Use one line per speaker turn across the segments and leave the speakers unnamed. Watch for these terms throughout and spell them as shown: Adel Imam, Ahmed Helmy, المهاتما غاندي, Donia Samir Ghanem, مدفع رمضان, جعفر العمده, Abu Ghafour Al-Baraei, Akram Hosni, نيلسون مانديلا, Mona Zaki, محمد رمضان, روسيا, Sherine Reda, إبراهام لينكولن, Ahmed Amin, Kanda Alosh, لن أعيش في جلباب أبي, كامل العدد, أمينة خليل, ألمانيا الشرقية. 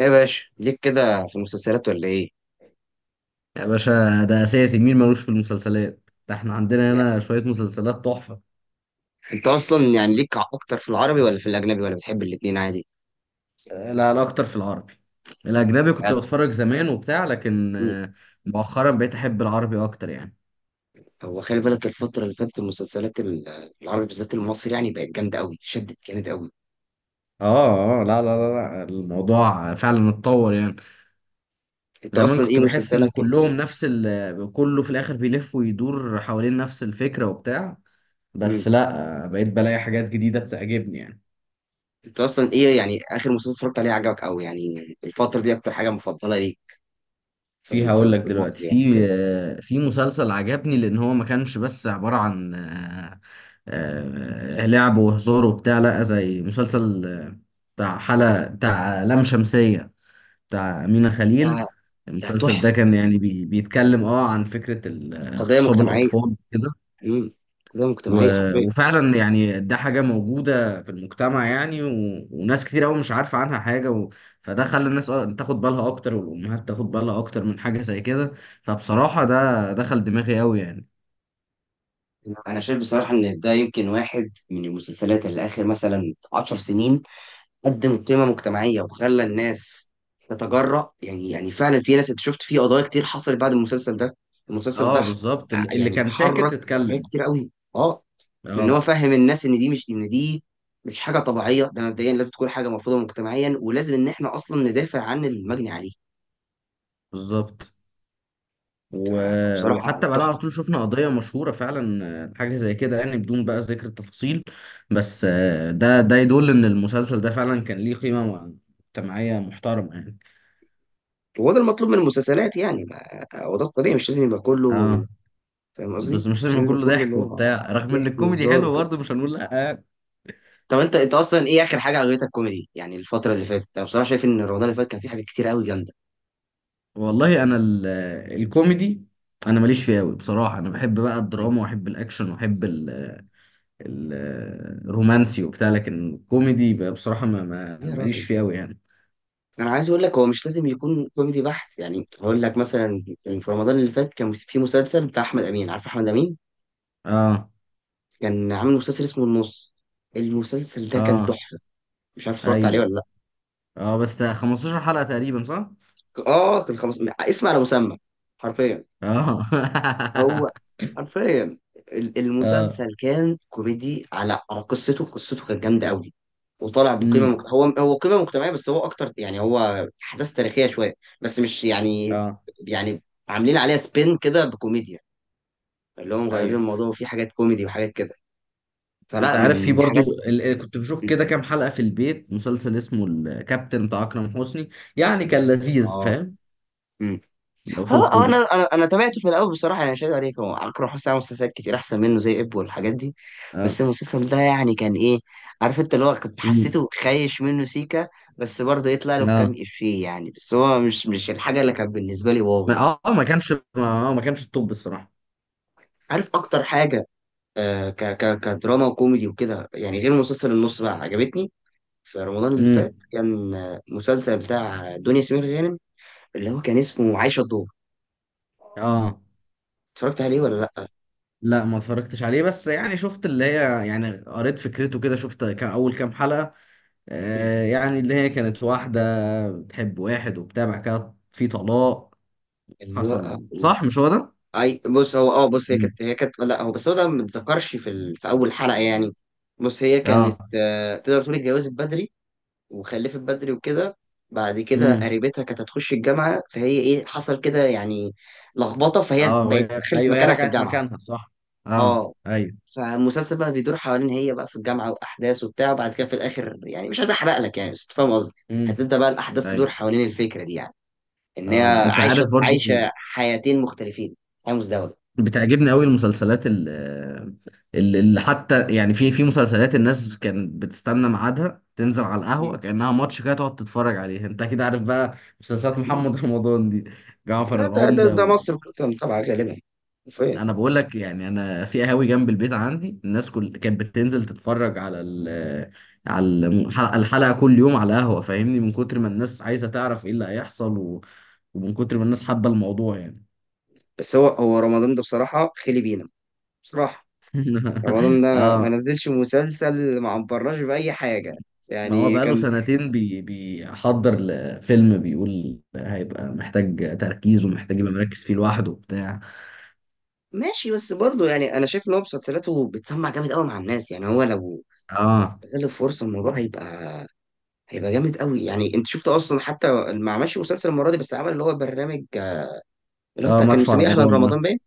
ايه يا باشا ليك كده في المسلسلات ولا ايه؟
يا باشا، ده اساسي. مين ملوش في المسلسلات؟ ده احنا عندنا
يعني
هنا شوية مسلسلات تحفة.
انت اصلا يعني ليك اكتر في العربي ولا في الاجنبي ولا بتحب الاتنين عادي؟
لا لا اكتر في العربي. الاجنبي كنت
بجد؟
بتفرج زمان وبتاع، لكن
مم.
مؤخرا بقيت احب العربي اكتر يعني.
هو خلي بالك الفتره اللي فاتت المسلسلات العربي بالذات المصري يعني بقت جامده قوي، شدت جامد قوي.
اه اه، لا لا لا لا، الموضوع فعلا اتطور يعني.
انت
زمان
اصلا ايه
كنت بحس ان
مسلسلك
كلهم نفس كله في الاخر بيلف ويدور حوالين نفس الفكرة وبتاع. بس
مم.
لا، بقيت بلاقي حاجات جديدة بتعجبني يعني.
انت اصلا ايه يعني اخر مسلسل اتفرجت عليه عجبك قوي يعني الفتره دي، اكتر حاجه مفضله ليك في
في،
ال- في
هقول
ال-
لك
في
دلوقتي،
المصري يعني
في
كده؟
آه، في مسلسل عجبني، لان هو ما كانش بس عبارة عن لعب وهزار وبتاع، لا زي مسلسل، بتاع حلقة بتاع لام شمسية، بتاع أمينة
ده
خليل. المسلسل ده
تحفه.
كان يعني بيتكلم اه عن فكرة
قضيه
اغتصاب
مجتمعيه.
الأطفال كده.
امم، قضيه مجتمعيه حرفيا.
وفعلا يعني ده حاجة موجودة في المجتمع يعني، وناس كتير قوي مش عارفة عنها حاجة. فده خلى الناس تاخد بالها أكتر، والأمهات تاخد بالها أكتر من حاجة زي كده. فبصراحة ده دخل دماغي قوي يعني.
انا شايف بصراحه ان ده يمكن واحد من المسلسلات اللي اخر مثلا 10 سنين قدم قيمه مجتمعيه وخلى الناس تتجرأ. يعني يعني فعلا في ناس، انت شفت في قضايا كتير حصلت بعد المسلسل ده. المسلسل ده
اه بالظبط، اللي
يعني
كان
حرك
ساكت
حاجات
اتكلم.
كتير قوي. اه، لان هو
اه
فهم الناس ان دي مش، ان دي مش حاجه طبيعيه، ده مبدئيا لازم تكون حاجه مرفوضه مجتمعيا، ولازم ان احنا اصلا ندافع عن المجني عليه.
بالظبط. و...
ف- فبصراحه
وحتى بعدها على
تحفه.
طول شفنا قضية مشهورة فعلا، حاجة زي كده يعني، بدون بقى ذكر التفاصيل. بس ده يدل إن المسلسل ده فعلا كان ليه قيمة مجتمعية محترمة يعني.
وهو ده المطلوب من المسلسلات يعني، هو ده الطبيعي، مش لازم يبقى كله
اه،
فاهم
بس
قصدي،
مش
مش
لازم
لازم
كله
كله اللي
ضحك
هو
وبتاع، رغم ان
ضحك
الكوميدي
وهزار
حلو
وكده.
برضه مش هنقول لا يعني.
طب انت اصلا ايه اخر حاجه عجبتك كوميدي يعني الفتره اللي فاتت؟ انا بصراحه شايف ان رمضان اللي فات كان فيه حاجات كتير قوي جامده.
والله انا الكوميدي، انا ماليش فيه قوي بصراحه. انا بحب بقى
مم.
الدراما واحب الاكشن واحب ال- الرومانسي وبتاع، لكن الكوميدي بقى بصراحه
يا
ماليش
راجل،
فيه قوي يعني.
انا عايز اقول لك هو مش لازم يكون كوميدي بحت، يعني هقول لك مثلا كان في رمضان اللي فات كان في مسلسل بتاع احمد امين، عارف احمد امين؟
اه
كان عامل مسلسل اسمه النص، المسلسل ده كان
اه
تحفه، مش عارف اتفرجت عليه
ايوه.
ولا لا.
اه بس ده 15 حلقه تقريبا، صح؟
اه كان خمس، اسمع على مسمى، حرفيا.
اه
هو حرفيا
اه.
المسلسل كان كوميدي، على قصته، قصته كانت جامده قوي، وطالع بقيمه
امم.
هو قيمه مجتمعيه بس هو اكتر يعني، هو احداث تاريخيه شويه بس مش يعني،
اه.
يعني عاملين عليها سبين كده بكوميديا، اللي هو مغيرين
ايوه
الموضوع وفي حاجات كوميدي وحاجات كده.
انت
فلا
عارف،
من
في
من
برضو
حاجات.
كنت بشوف كده كام حلقة في البيت مسلسل اسمه الكابتن بتاع اكرم حسني، يعني كان لذيذ،
اه
فاهم؟ لو
اه،
شفته
آه، انا
انت.
انا انا تابعته في الاول بصراحه، يعني مش هكدب عليك، هو اكرم حسني عمل مسلسلات كتير احسن منه زي اب والحاجات دي،
اه.
بس المسلسل ده يعني كان ايه، عارف انت، اللي هو كنت
امم.
حسيته خايش منه سيكا، بس برضه يطلع له كام
اه
افيه يعني، بس هو مش الحاجه اللي كانت بالنسبه لي واو يعني.
ما كانش التوب الصراحة.
عارف اكتر حاجه، آه ك ك كدراما وكوميدي وكده، يعني غير مسلسل النص بقى، عجبتني في رمضان اللي
امم.
فات كان مسلسل بتاع دنيا سمير غانم، اللي هو كان اسمه عايشه الدور.
اه،
اتفرجت عليه ولا لا؟
لا ما اتفرجتش عليه، بس يعني شفت اللي هي، يعني قريت فكرته كده، شفت كان اول كام حلقة. يعني اللي هي كانت واحدة بتحب واحد وبتاع، بعد كده في طلاق
اللي هو
حصل، صح؟ مش هو ده؟
اي، بص هو، اه بص، هي
امم.
كانت، لا هو، بس هو ده ما اتذكرش في في اول حلقه يعني. بص، هي كانت
اه.
تقدر تقول اتجوزت بدري وخلفت بدري وكده، بعد كده
امم.
قريبتها كانت هتخش الجامعه، فهي ايه، حصل كده يعني لخبطه، فهي
اه
بقت دخلت
ايوه، هي
مكانها في
رجعت
الجامعه.
مكانها صح. اه
اه،
ايوه.
فالمسلسل بقى بيدور حوالين هي بقى في الجامعه، واحداث وبتاع، وبعد كده في الاخر، يعني مش عايز احرق لك يعني بس أنت فاهم قصدي،
امم.
هتبدا بقى الاحداث تدور
ايوه.
حوالين الفكره دي يعني، ان هي
اه، انت عارف برضو،
عايشه حياتين مختلفين، حياه
بتعجبني قوي المسلسلات، اللي حتى يعني في مسلسلات الناس كانت بتستنى ميعادها تنزل على
مزدوجه.
القهوه كانها ماتش كده تقعد تتفرج عليه، انت اكيد عارف بقى، مسلسلات محمد رمضان دي،
لا
جعفر
ده،
العمده.
ده مصر كلها طبعا غالبا، فين؟
انا بقول لك يعني، انا في قهاوي جنب البيت عندي الناس كل كانت بتنزل تتفرج على الحلقة كل يوم على قهوه، فاهمني؟ من كتر ما الناس عايزه تعرف ايه اللي هيحصل، ومن كتر ما الناس حابه الموضوع يعني.
بس هو رمضان ده بصراحة خلي بينا، بصراحة رمضان ده ما
اه.
نزلش مسلسل، ما عبرناش بأي حاجة
ما هو
يعني
بقاله
كان
سنتين بيحضر لفيلم، بيقول هيبقى محتاج تركيز ومحتاج يبقى مركز فيه لوحده وبتاع.
ماشي، بس برضه يعني أنا شايف إن هو مسلسلاته بتسمع جامد أوي مع الناس، يعني هو لو
اه
استغل الفرصة الموضوع هيبقى جامد أوي يعني. أنت شفت أصلا حتى ما عملش مسلسل المرة دي، بس عمل اللي هو برنامج، اللي هو
اه،
بتاع كان
مدفع
مسميه أهلا
رمضان ده.
رمضان باين،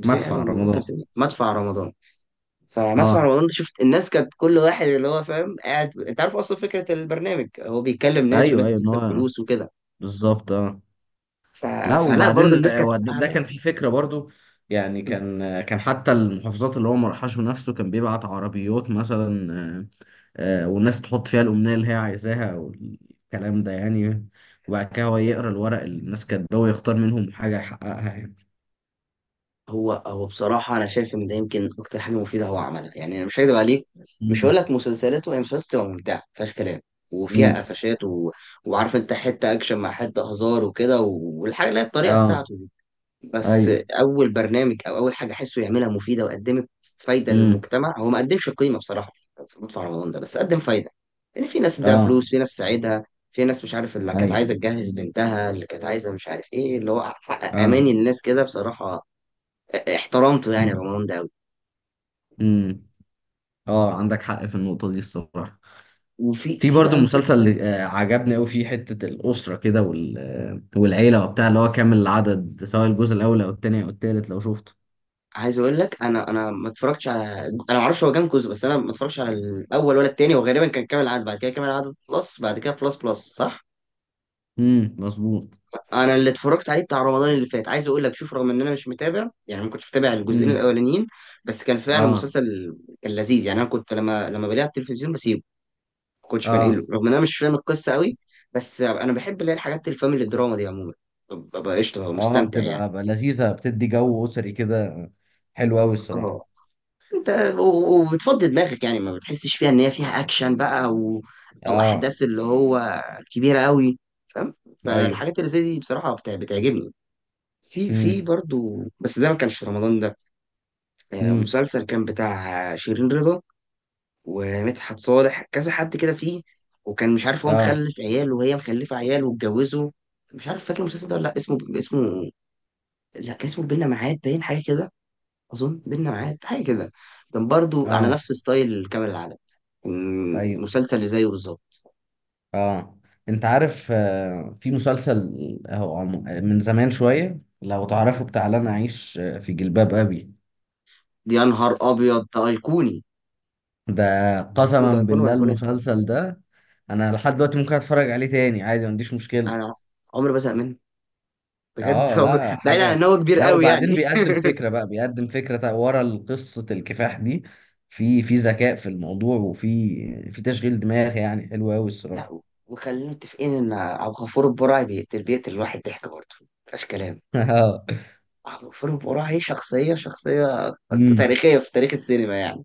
مسميه أهلا
مدفع
رمضان كان
رمضان.
مسميه مدفع رمضان. فمدفع
اه
رمضان ده شفت الناس كانت كل واحد اللي هو فاهم قاعد، انت عارف اصلا فكره البرنامج، هو بيكلم ناس
ايوه
وناس
ايوه، ان
بتكسب
هو
فلوس وكده.
بالظبط اه.
ف...
لا
فلا برضه
وبعدين،
الناس كانت
ده كان
قاعده.
في فكرة برضو. يعني كان، كان حتى المحافظات اللي هو ما راحهاش بنفسه كان بيبعت عربيات مثلا، والناس تحط فيها الأمنية اللي هي عايزاها والكلام ده يعني، وبعد كده هو يقرأ الورق اللي الناس كاتباه ويختار منهم حاجة يحققها يعني.
هو بصراحه انا شايف ان ده يمكن اكتر حاجه مفيده هو عملها، يعني انا مش هكدب عليك، مش
مم.
هقول لك مسلسلاته، هي مسلسلاته بتبقى ممتعه مفيهاش كلام وفيها
مم.
قفشات وعارف انت حته اكشن مع حته هزار وكده والحاجه اللي هي الطريقه
اه
بتاعته، بس
ايوه.
اول برنامج او اول حاجه احسه يعملها مفيده وقدمت فايده
مم.
للمجتمع، هو ما قدمش قيمه بصراحه في مدفع رمضان ده، بس قدم فايده، لان في ناس اداها
اه
فلوس، في ناس ساعدها، في ناس مش عارف اللي كانت
ايوه
عايزه تجهز بنتها، اللي كانت عايزه مش عارف ايه، اللي هو حقق
اه.
اماني للناس كده بصراحه. احترمته يعني
مم.
رمضان ده قوي.
مم. اه، عندك حق في النقطة دي الصراحة.
وفي
في برضو
بقى
مسلسل،
مسلسل،
عجبني قوي، فيه حتة الأسرة كده والعيلة وبتاع، اللي هو كامل العدد، سواء الجزء الأول أو التاني أو التالت لو شفته.
عايز اقول لك، انا ما اتفرجتش على، انا ما اعرفش هو كام جزء، بس انا ما اتفرجتش على الاول ولا التاني، وغالبا كان كامل العدد، بعد كده كامل العدد بلس، بعد كده بلس بلس صح؟
امم، مظبوط.
انا اللي اتفرجت عليه بتاع رمضان اللي فات، عايز اقول لك شوف، رغم ان انا مش متابع يعني ما كنتش متابع الجزئين
امم.
الاولانيين، بس كان فعلا
اه
مسلسل، كان لذيذ يعني. انا كنت لما بلاقيه على التلفزيون بسيبه، ما كنتش
اه
بنقله رغم ان انا مش فاهم القصه قوي، بس انا بحب اللي هي الحاجات الفاميلي دراما دي عموما، ببقى قشطه، ببقى
اه،
مستمتع يعني.
بتبقى بقى لذيذة، بتدي جو أسري كده، حلو قوي الصراحة.
اه انت، وبتفضي دماغك يعني، ما بتحسش فيها ان هي فيها اكشن بقى او، او
اه
احداث اللي هو كبيره قوي، فاهم؟
ايوه.
فالحاجات اللي زي دي بصراحه بتعجبني. في
امم.
برضو، بس ده ما كانش في رمضان ده،
امم.
مسلسل كان بتاع شيرين رضا ومدحت صالح، كذا حد كده فيه، وكان مش عارف، هو
اه
مخلف عيال وهي مخلفة عيال واتجوزوا، مش عارف فاكر المسلسل ده ولا لا. اسمه، لا كان اسمه بينا معاد باين، حاجة كده، أظن بينا معاد حاجة كده، كان برضو على
اه
نفس ستايل كامل العدد، كان
ايوه.
مسلسل اللي زيه بالظبط.
اه انت عارف، في مسلسل، آه، هو عم- آه، من زمان شوية لو تعرفه، بتاع لن أعيش في جلباب أبي.
دي يا نهار أبيض، ده أيقوني،
ده
ده أيقوني،
قسما
ده أيقوني
بالله،
وأيقوني.
المسلسل ده. انا لحد دلوقتي ممكن اتفرج عليه تاني عادي، ما عنديش مشكله.
أنا عمري ما بزهق منه، بجد.
اه لا
بعيد عن
حاجه.
إن هو كبير
لا
قوي
وبعدين
يعني.
بيقدم فكره بقى، ورا قصه الكفاح دي، في ذكاء في الموضوع، وفي تشغيل دماغ، يعني حلو قوي الصراحه.
لا، وخلينا متفقين ان ابو غفور البرعي بيقتل الواحد ضحك برضه، مفيهاش كلام.
اه.
ابو غفور البرعي شخصيه
أمم.
تاريخيه في تاريخ السينما يعني.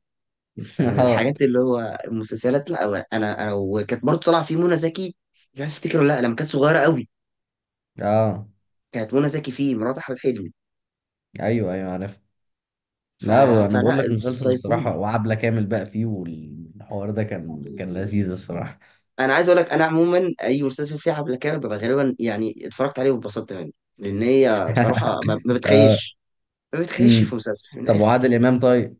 فمن
اه
الحاجات اللي هو المسلسلات، لا انا وكانت برضه طالعه فيه منى زكي، مش عارف افتكر ولا لا، لما كانت صغيره قوي،
اه
كانت منى زكي فيه مرات احمد حلمي.
ايوه ايوه عارف.
ف...
لا انا
فلا
بقول لك، مسلسل
المسلسل
الصراحه،
ايقوني.
وعبله كامل بقى فيه، والحوار ده كان لذيذ الصراحه.
انا عايز اقول لك انا عموما اي مسلسل فيه حبل كامل ببقى غالبا يعني اتفرجت عليه واتبسطت منه، لان هي بصراحه ما
اه.
بتخيش، ما بيتخيلش في
أمم.
مسلسل من
طب
الاخر.
وعادل امام طيب؟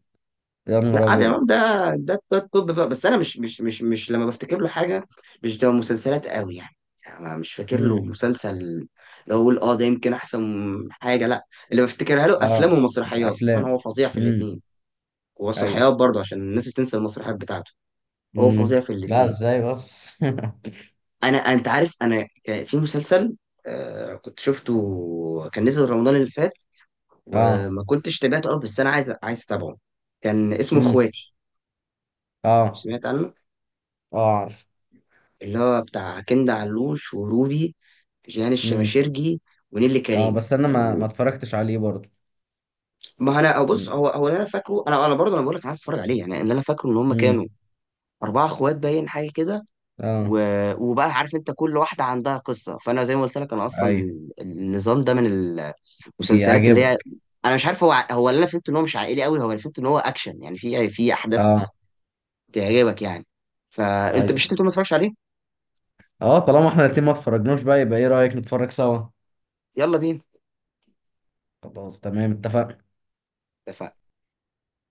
يا نهار
لا، عادل
ابيض.
امام ده، ده التوب بقى، بس انا مش لما بفتكر له حاجه مش بتبقى مسلسلات قوي يعني. يعني أنا مش فاكر له
امم.
مسلسل اللي هو اقول اه ده يمكن احسن حاجه، لا اللي بفتكرها له افلام
اه.
ومسرحيات، وانا
افلام.
هو فظيع في
امم.
الاثنين،
ايوه.
ومسرحيات برضه عشان الناس بتنسى المسرحيات بتاعته، هو فظيع
امم.
في
لا
الاثنين.
ازاي بس؟
انا انت عارف انا كان في مسلسل، آه كنت شفته، كان نزل رمضان اللي فات
اه.
وما كنتش تابعته اه، بس انا عايز اتابعه. كان اسمه
امم.
اخواتي،
اه
سمعت عنه؟
اه عارف.
اللي هو بتاع كندا علوش وروبي، جيهان
امم.
الشماشرجي ونيلي
اه
كريم
بس انا ما
كانوا،
ما اتفرجتش عليه برضه.
ما انا أو بص،
امم.
هو اللي انا فاكره، انا برضه انا بقول لك عايز اتفرج عليه، يعني اللي انا فاكره ان هم كانوا
امم.
اربعه اخوات باين حاجه كده و...
اه
وبقى عارف انت كل واحده عندها قصه، فانا زي ما قلت لك انا اصلا
ايوه،
النظام ده من المسلسلات اللي هي،
بيعجبك.
انا مش عارف هو هو اللي انا فهمت ان هو مش عائلي قوي، هو اللي فهمت ان هو اكشن يعني في احداث
اه
تعجبك يعني، فانت
ايوه.
مش، انت بتقول ما اتفرجش عليه.
اه، طالما احنا الاتنين ما اتفرجناش، بقى يبقى ايه رأيك نتفرج سوا؟
يلا بينا.
خلاص تمام، اتفقنا.
اتفقنا.